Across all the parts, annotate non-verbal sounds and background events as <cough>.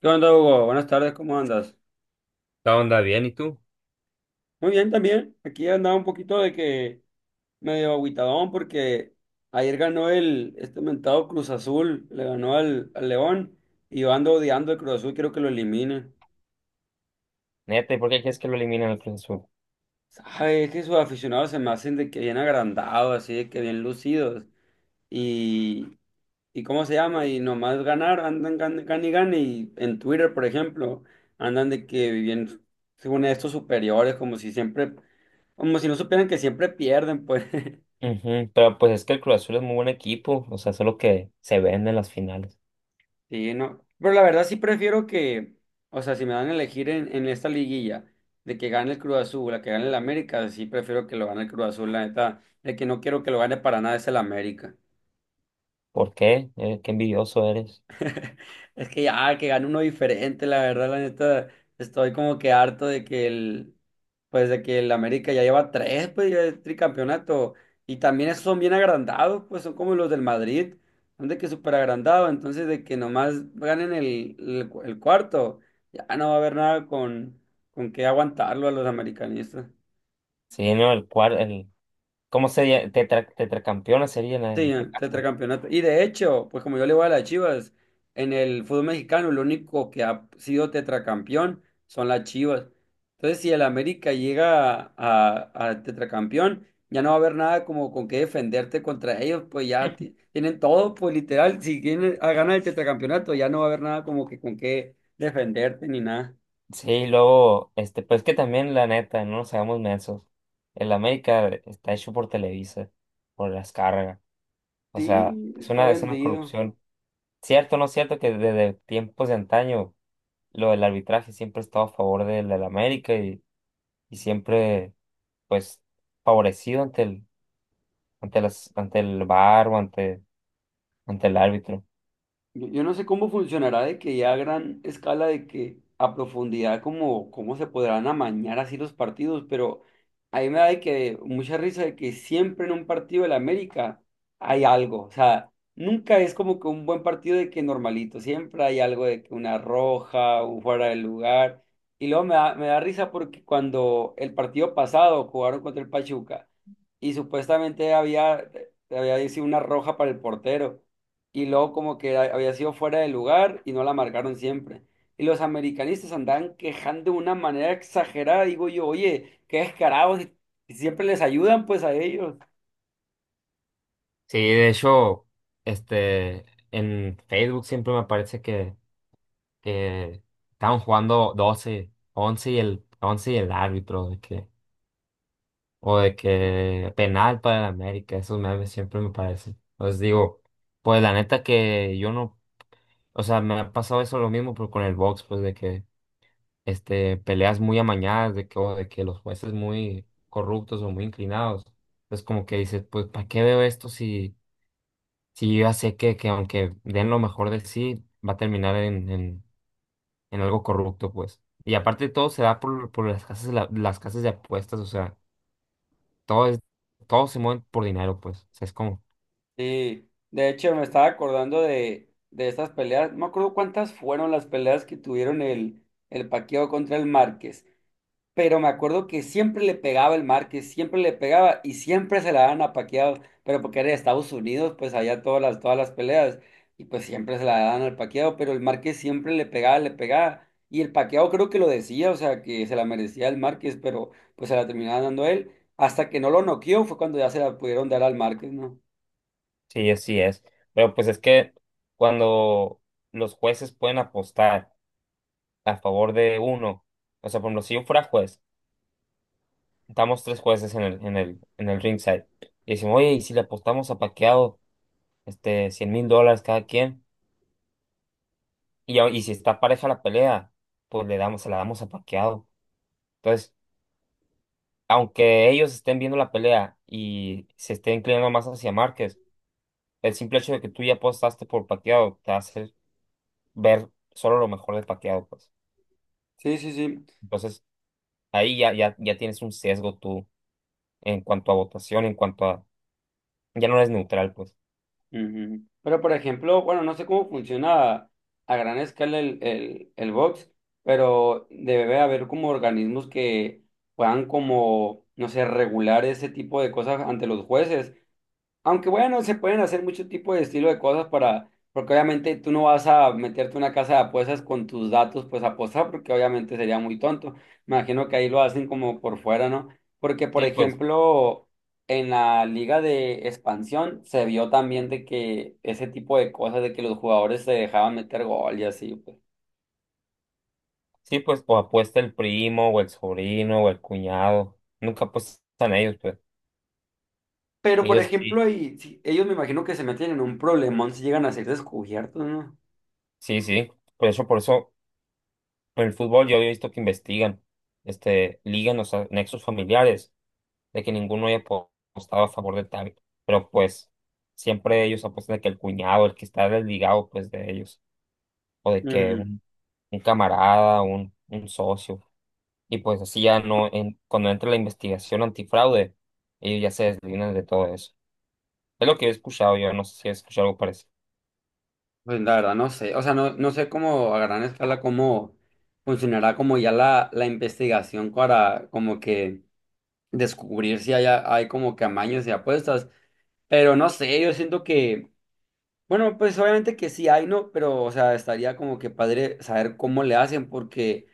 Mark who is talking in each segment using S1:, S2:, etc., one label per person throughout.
S1: ¿Qué onda, Hugo? Buenas tardes, ¿cómo andas?
S2: La onda bien, ¿y tú?
S1: Muy bien también. Aquí andaba un poquito de que medio agüitadón porque ayer ganó el este mentado Cruz Azul, le ganó al León y yo ando odiando el Cruz Azul, quiero que lo eliminen.
S2: Neta, ¿y por qué crees que lo eliminan al Cruz Azul?
S1: ¿Sabes? Es que sus aficionados se me hacen de que bien agrandados, así de que bien lucidos. Y, y cómo se llama, y nomás ganar, andan gane y gane, y en Twitter, por ejemplo, andan de que viven según estos superiores, como si siempre, como si no supieran que siempre pierden, pues,
S2: Ujú. Pero pues es que el Cruz Azul es muy buen equipo, o sea, solo que se vende en las finales.
S1: <laughs> sí, no, pero la verdad sí prefiero que, o sea, si me dan a elegir en esta liguilla, de que gane el Cruz Azul, la que gane el América, sí prefiero que lo gane el Cruz Azul, la neta, el que no quiero que lo gane para nada es el América.
S2: ¿Por qué? Qué envidioso eres.
S1: Es que ya, que gane uno diferente, la verdad, la neta, estoy como que harto de que el, pues de que el América ya lleva tres, pues ya el tricampeonato, y también esos son bien agrandados, pues son como los del Madrid, son de que súper agrandados, entonces de que nomás ganen el cuarto, ya no va a haber nada con, con qué aguantarlo a los americanistas.
S2: Sí, no, ¿cómo sería? Tetracampeona sería en
S1: Sí,
S2: este caso.
S1: tetracampeonato. Y de hecho, pues como yo le voy a las Chivas, en el fútbol mexicano lo único que ha sido tetracampeón son las Chivas. Entonces, si el América llega a tetracampeón, ya no va a haber nada como con qué defenderte contra ellos, pues ya tienen todo, pues literal, si quieren a ganar el tetracampeonato, ya no va a haber nada como que con qué defenderte ni nada.
S2: Sí, luego, este, pues que también la neta, no nos hagamos mensos. El América está hecho por Televisa, por las cargas. O
S1: Sí,
S2: sea,
S1: está
S2: es una
S1: vendido.
S2: corrupción. Cierto, no es cierto que desde tiempos de antaño lo del arbitraje siempre he estado a favor del América y siempre pues favorecido ante el VAR ante el árbitro.
S1: Yo no sé cómo funcionará de que ya a gran escala, de que a profundidad, como cómo se podrán amañar así los partidos, pero a mí me da de que mucha risa de que siempre en un partido del América hay algo, o sea, nunca es como que un buen partido de que normalito, siempre hay algo de que una roja, un fuera de lugar, y luego me da risa porque cuando el partido pasado jugaron contra el Pachuca y supuestamente había sido una roja para el portero y luego como que había sido fuera de lugar y no la marcaron siempre. Y los americanistas andaban quejando de una manera exagerada, digo yo, oye, qué descarados, y siempre les ayudan pues a ellos.
S2: Sí, de hecho, este, en Facebook siempre me parece que estaban jugando 12 11 y el árbitro, o de que penal para el América, esos memes siempre me parecen. Os digo, pues la neta que yo no, o sea, me ha pasado eso lo mismo, pero con el box, pues de que peleas muy amañadas de que, o de que los jueces muy corruptos o muy inclinados. Entonces como que dices, pues, ¿para qué veo esto si yo ya sé que aunque den lo mejor de sí, va a terminar en algo corrupto, pues? Y aparte todo se da por las casas, las casas de apuestas, o sea, todo es, todo se mueve por dinero, pues. O sea, es como...
S1: Sí, de hecho me estaba acordando de estas peleas, no me acuerdo cuántas fueron las peleas que tuvieron el Paquiao contra el Márquez. Pero me acuerdo que siempre le pegaba el Márquez, siempre le pegaba y siempre se la daban a Pacquiao, pero porque era de Estados Unidos, pues allá todas las peleas, y pues siempre se la daban al Pacquiao, pero el Márquez siempre le pegaba, y el Pacquiao creo que lo decía, o sea, que se la merecía el Márquez, pero pues se la terminaba dando él, hasta que no lo noqueó, fue cuando ya se la pudieron dar al Márquez, ¿no?
S2: Sí, así es. Pero pues es que cuando los jueces pueden apostar a favor de uno, o sea, por ejemplo, si yo fuera juez, estamos tres jueces en el ringside. Y decimos, oye, ¿y si le apostamos a Paqueado $100,000 cada quien? Y si está pareja la pelea, pues se la damos a Paqueado. Entonces, aunque ellos estén viendo la pelea y se estén inclinando más hacia Márquez, el simple hecho de que tú ya apostaste por Paqueado te hace ver solo lo mejor de Paqueado, pues.
S1: Sí, sí, sí.
S2: Entonces, ahí ya tienes un sesgo tú en cuanto a votación, en cuanto a... Ya no eres neutral, pues.
S1: Ujú. Pero por ejemplo, bueno, no sé cómo funciona a gran escala el box, pero debe haber como organismos que puedan como, no sé, regular ese tipo de cosas ante los jueces, aunque bueno, se pueden hacer mucho tipo de estilo de cosas para, porque obviamente tú no vas a meterte a una casa de apuestas con tus datos, pues a apostar, porque obviamente sería muy tonto. Me imagino que ahí lo hacen como por fuera, ¿no? Porque, por
S2: Sí, pues.
S1: ejemplo, en la liga de expansión se vio también de que ese tipo de cosas, de que los jugadores se dejaban meter gol y así, pues.
S2: Sí, pues apuesta el primo o el sobrino o el cuñado. Nunca apuestan ellos, pues.
S1: Pero, por
S2: Ellos
S1: ejemplo,
S2: sí,
S1: ahí, sí, ellos me imagino que se meten en un problemón si llegan a ser descubiertos, ¿no?
S2: sí, sí. Por eso, en el fútbol yo he visto que investigan, ligan los nexos familiares, de que ninguno haya apostado a favor de tal. Pero pues, siempre ellos apuestan de que el cuñado, el que está desligado, pues, de ellos. O de que
S1: Mm.
S2: un camarada, un socio. Y pues así ya no, cuando entra la investigación antifraude, ellos ya se desligan de todo eso. Es lo que he escuchado yo, no sé si he escuchado algo parecido.
S1: Pues la verdad no sé, o sea, no, no sé cómo a gran escala cómo funcionará como ya la investigación para como que descubrir si hay, hay como que amaños y apuestas, pero no sé, yo siento que, bueno, pues obviamente que sí hay, ¿no? Pero, o sea, estaría como que padre saber cómo le hacen porque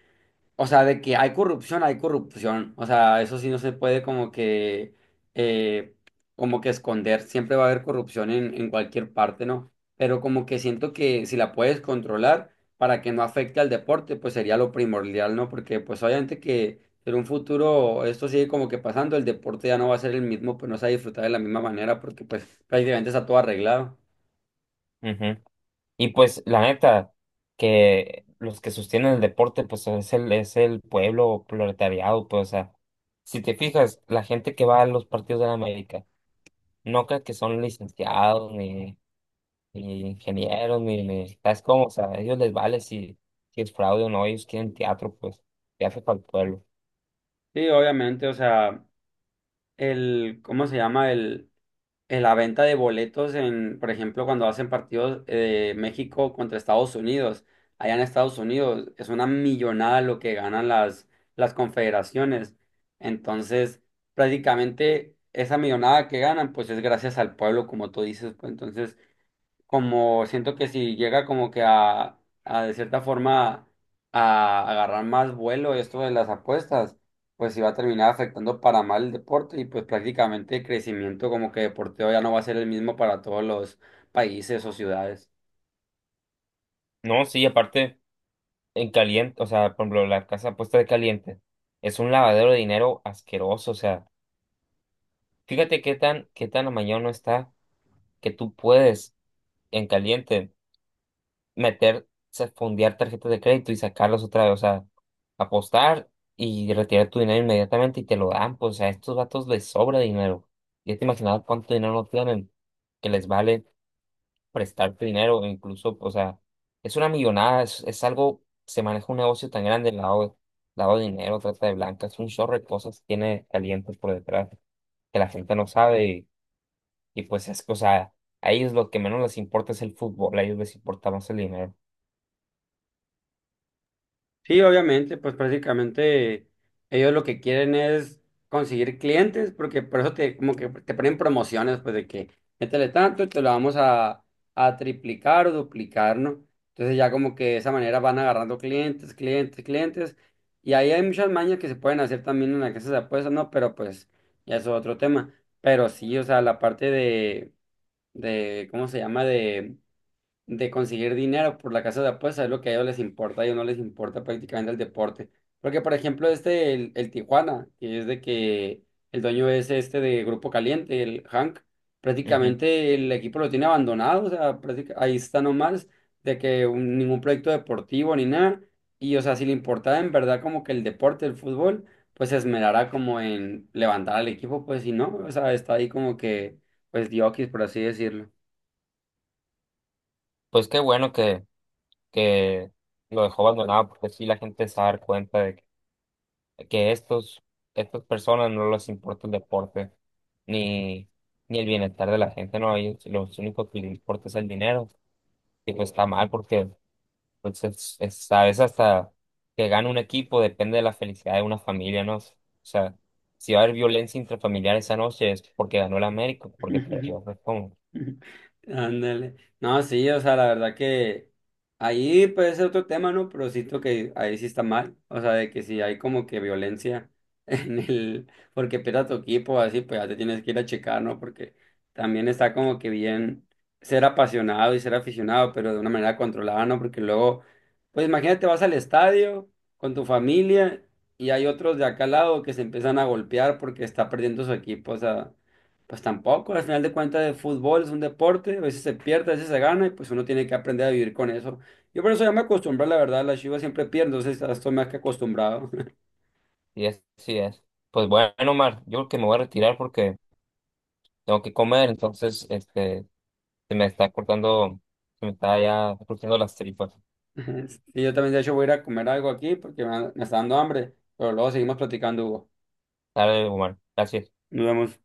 S1: o sea, de que hay corrupción, hay corrupción. O sea, eso sí no se puede eh, como que esconder. Siempre va a haber corrupción en cualquier parte, ¿no? Pero como que siento que si la puedes controlar para que no afecte al deporte, pues sería lo primordial, ¿no? Porque pues obviamente que en un futuro esto sigue como que pasando, el deporte ya no va a ser el mismo, pues no se va a disfrutar de la misma manera porque pues prácticamente está todo arreglado.
S2: Ujú. Y pues la neta, que los que sostienen el deporte, pues es es el pueblo proletariado, pues o sea, si te fijas, la gente que va a los partidos de la América, no crees que son licenciados, ni ingenieros, ni, ¿sabes cómo? O sea, a ellos les vale si es fraude o no, ellos quieren teatro, pues, teatro para el pueblo.
S1: Sí, obviamente, o sea, el, ¿cómo se llama? El... en la venta de boletos en, por ejemplo, cuando hacen partidos de México contra Estados Unidos, allá en Estados Unidos es una millonada lo que ganan las confederaciones. Entonces, prácticamente esa millonada que ganan, pues es gracias al pueblo, como tú dices, pues entonces como siento que si llega como que a de cierta forma a agarrar más vuelo esto de las apuestas, pues sí va a terminar afectando para mal el deporte y pues prácticamente el crecimiento como que deporteo ya no va a ser el mismo para todos los países o ciudades.
S2: No, sí, aparte, en caliente, o sea, por ejemplo, la casa puesta de caliente, es un lavadero de dinero asqueroso, o sea. Fíjate qué tan amañono está que tú puedes en caliente fondear tarjetas de crédito y sacarlas otra vez, o sea, apostar y retirar tu dinero inmediatamente y te lo dan, pues a estos vatos les sobra dinero. Ya te imaginabas cuánto dinero no tienen, que les vale prestarte dinero, o incluso, o sea, es una millonada, es algo, se maneja un negocio tan grande, lavado de dinero, trata de blancas, un chorro de cosas tiene calientes por detrás que la gente no sabe. Y pues es que, o sea, a ellos lo que menos les importa es el fútbol, a ellos les importa más el dinero.
S1: Sí, obviamente, pues prácticamente ellos lo que quieren es conseguir clientes, porque por eso te, como que te ponen promociones, pues de que métele tanto y te lo vamos a triplicar o duplicar, ¿no? Entonces ya como que de esa manera van agarrando clientes, clientes, clientes, y ahí hay muchas mañas que se pueden hacer también en las casas de apuestas, ¿no? Pero pues ya es otro tema. Pero sí, o sea, la parte de, ¿cómo se llama? De conseguir dinero por la casa de apuestas, es lo que a ellos les importa, a ellos no les importa prácticamente el deporte. Porque, por ejemplo, este, el Tijuana, que es de que el dueño es este de Grupo Caliente, el Hank,
S2: Ujú.
S1: prácticamente el equipo lo tiene abandonado, o sea, ahí está nomás, de que ningún proyecto deportivo ni nada. Y, o sea, si le importaba en verdad como que el deporte, el fútbol, pues se esmerará como en levantar al equipo, pues si no, o sea, está ahí como que, pues, diokis, por así decirlo.
S2: Pues qué bueno que lo dejó abandonado, porque sí la gente se va a dar cuenta de que estas personas no les importa el deporte, ni, ni el bienestar de la gente, no, a ellos lo único que les importa es el dinero. Y pues está mal porque entonces, a veces hasta que gane un equipo depende de la felicidad de una familia, ¿no? O sea, si va a haber violencia intrafamiliar esa noche es porque ganó el América,
S1: <laughs>
S2: porque
S1: <laughs>
S2: perdió, pues como.
S1: Ándale. No, sí, o sea, la verdad que ahí puede ser otro tema, ¿no? Pero siento que ahí sí está mal. O sea, de que si hay como que violencia <laughs> en el, porque pierda tu equipo, así, pues ya te tienes que ir a checar, ¿no? Porque también está como que bien ser apasionado y ser aficionado, pero de una manera controlada, ¿no? Porque luego, pues imagínate, vas al estadio con tu familia y hay otros de acá al lado que se empiezan a golpear porque está perdiendo su equipo. O sea, pues tampoco, al final de cuentas el fútbol es un deporte, a veces se pierde, a veces se gana y pues uno tiene que aprender a vivir con eso. Yo por eso ya me acostumbré, la verdad, las Chivas siempre pierden, entonces ya estoy más que acostumbrado.
S2: Sí es. Pues bueno, Omar, yo creo que me voy a retirar porque tengo que comer, entonces, se me se me está ya cortando las tripas.
S1: <laughs> Y yo también de hecho voy a ir a comer algo aquí porque me está dando hambre, pero luego seguimos platicando, Hugo.
S2: Dale, Omar, gracias.
S1: Nos vemos.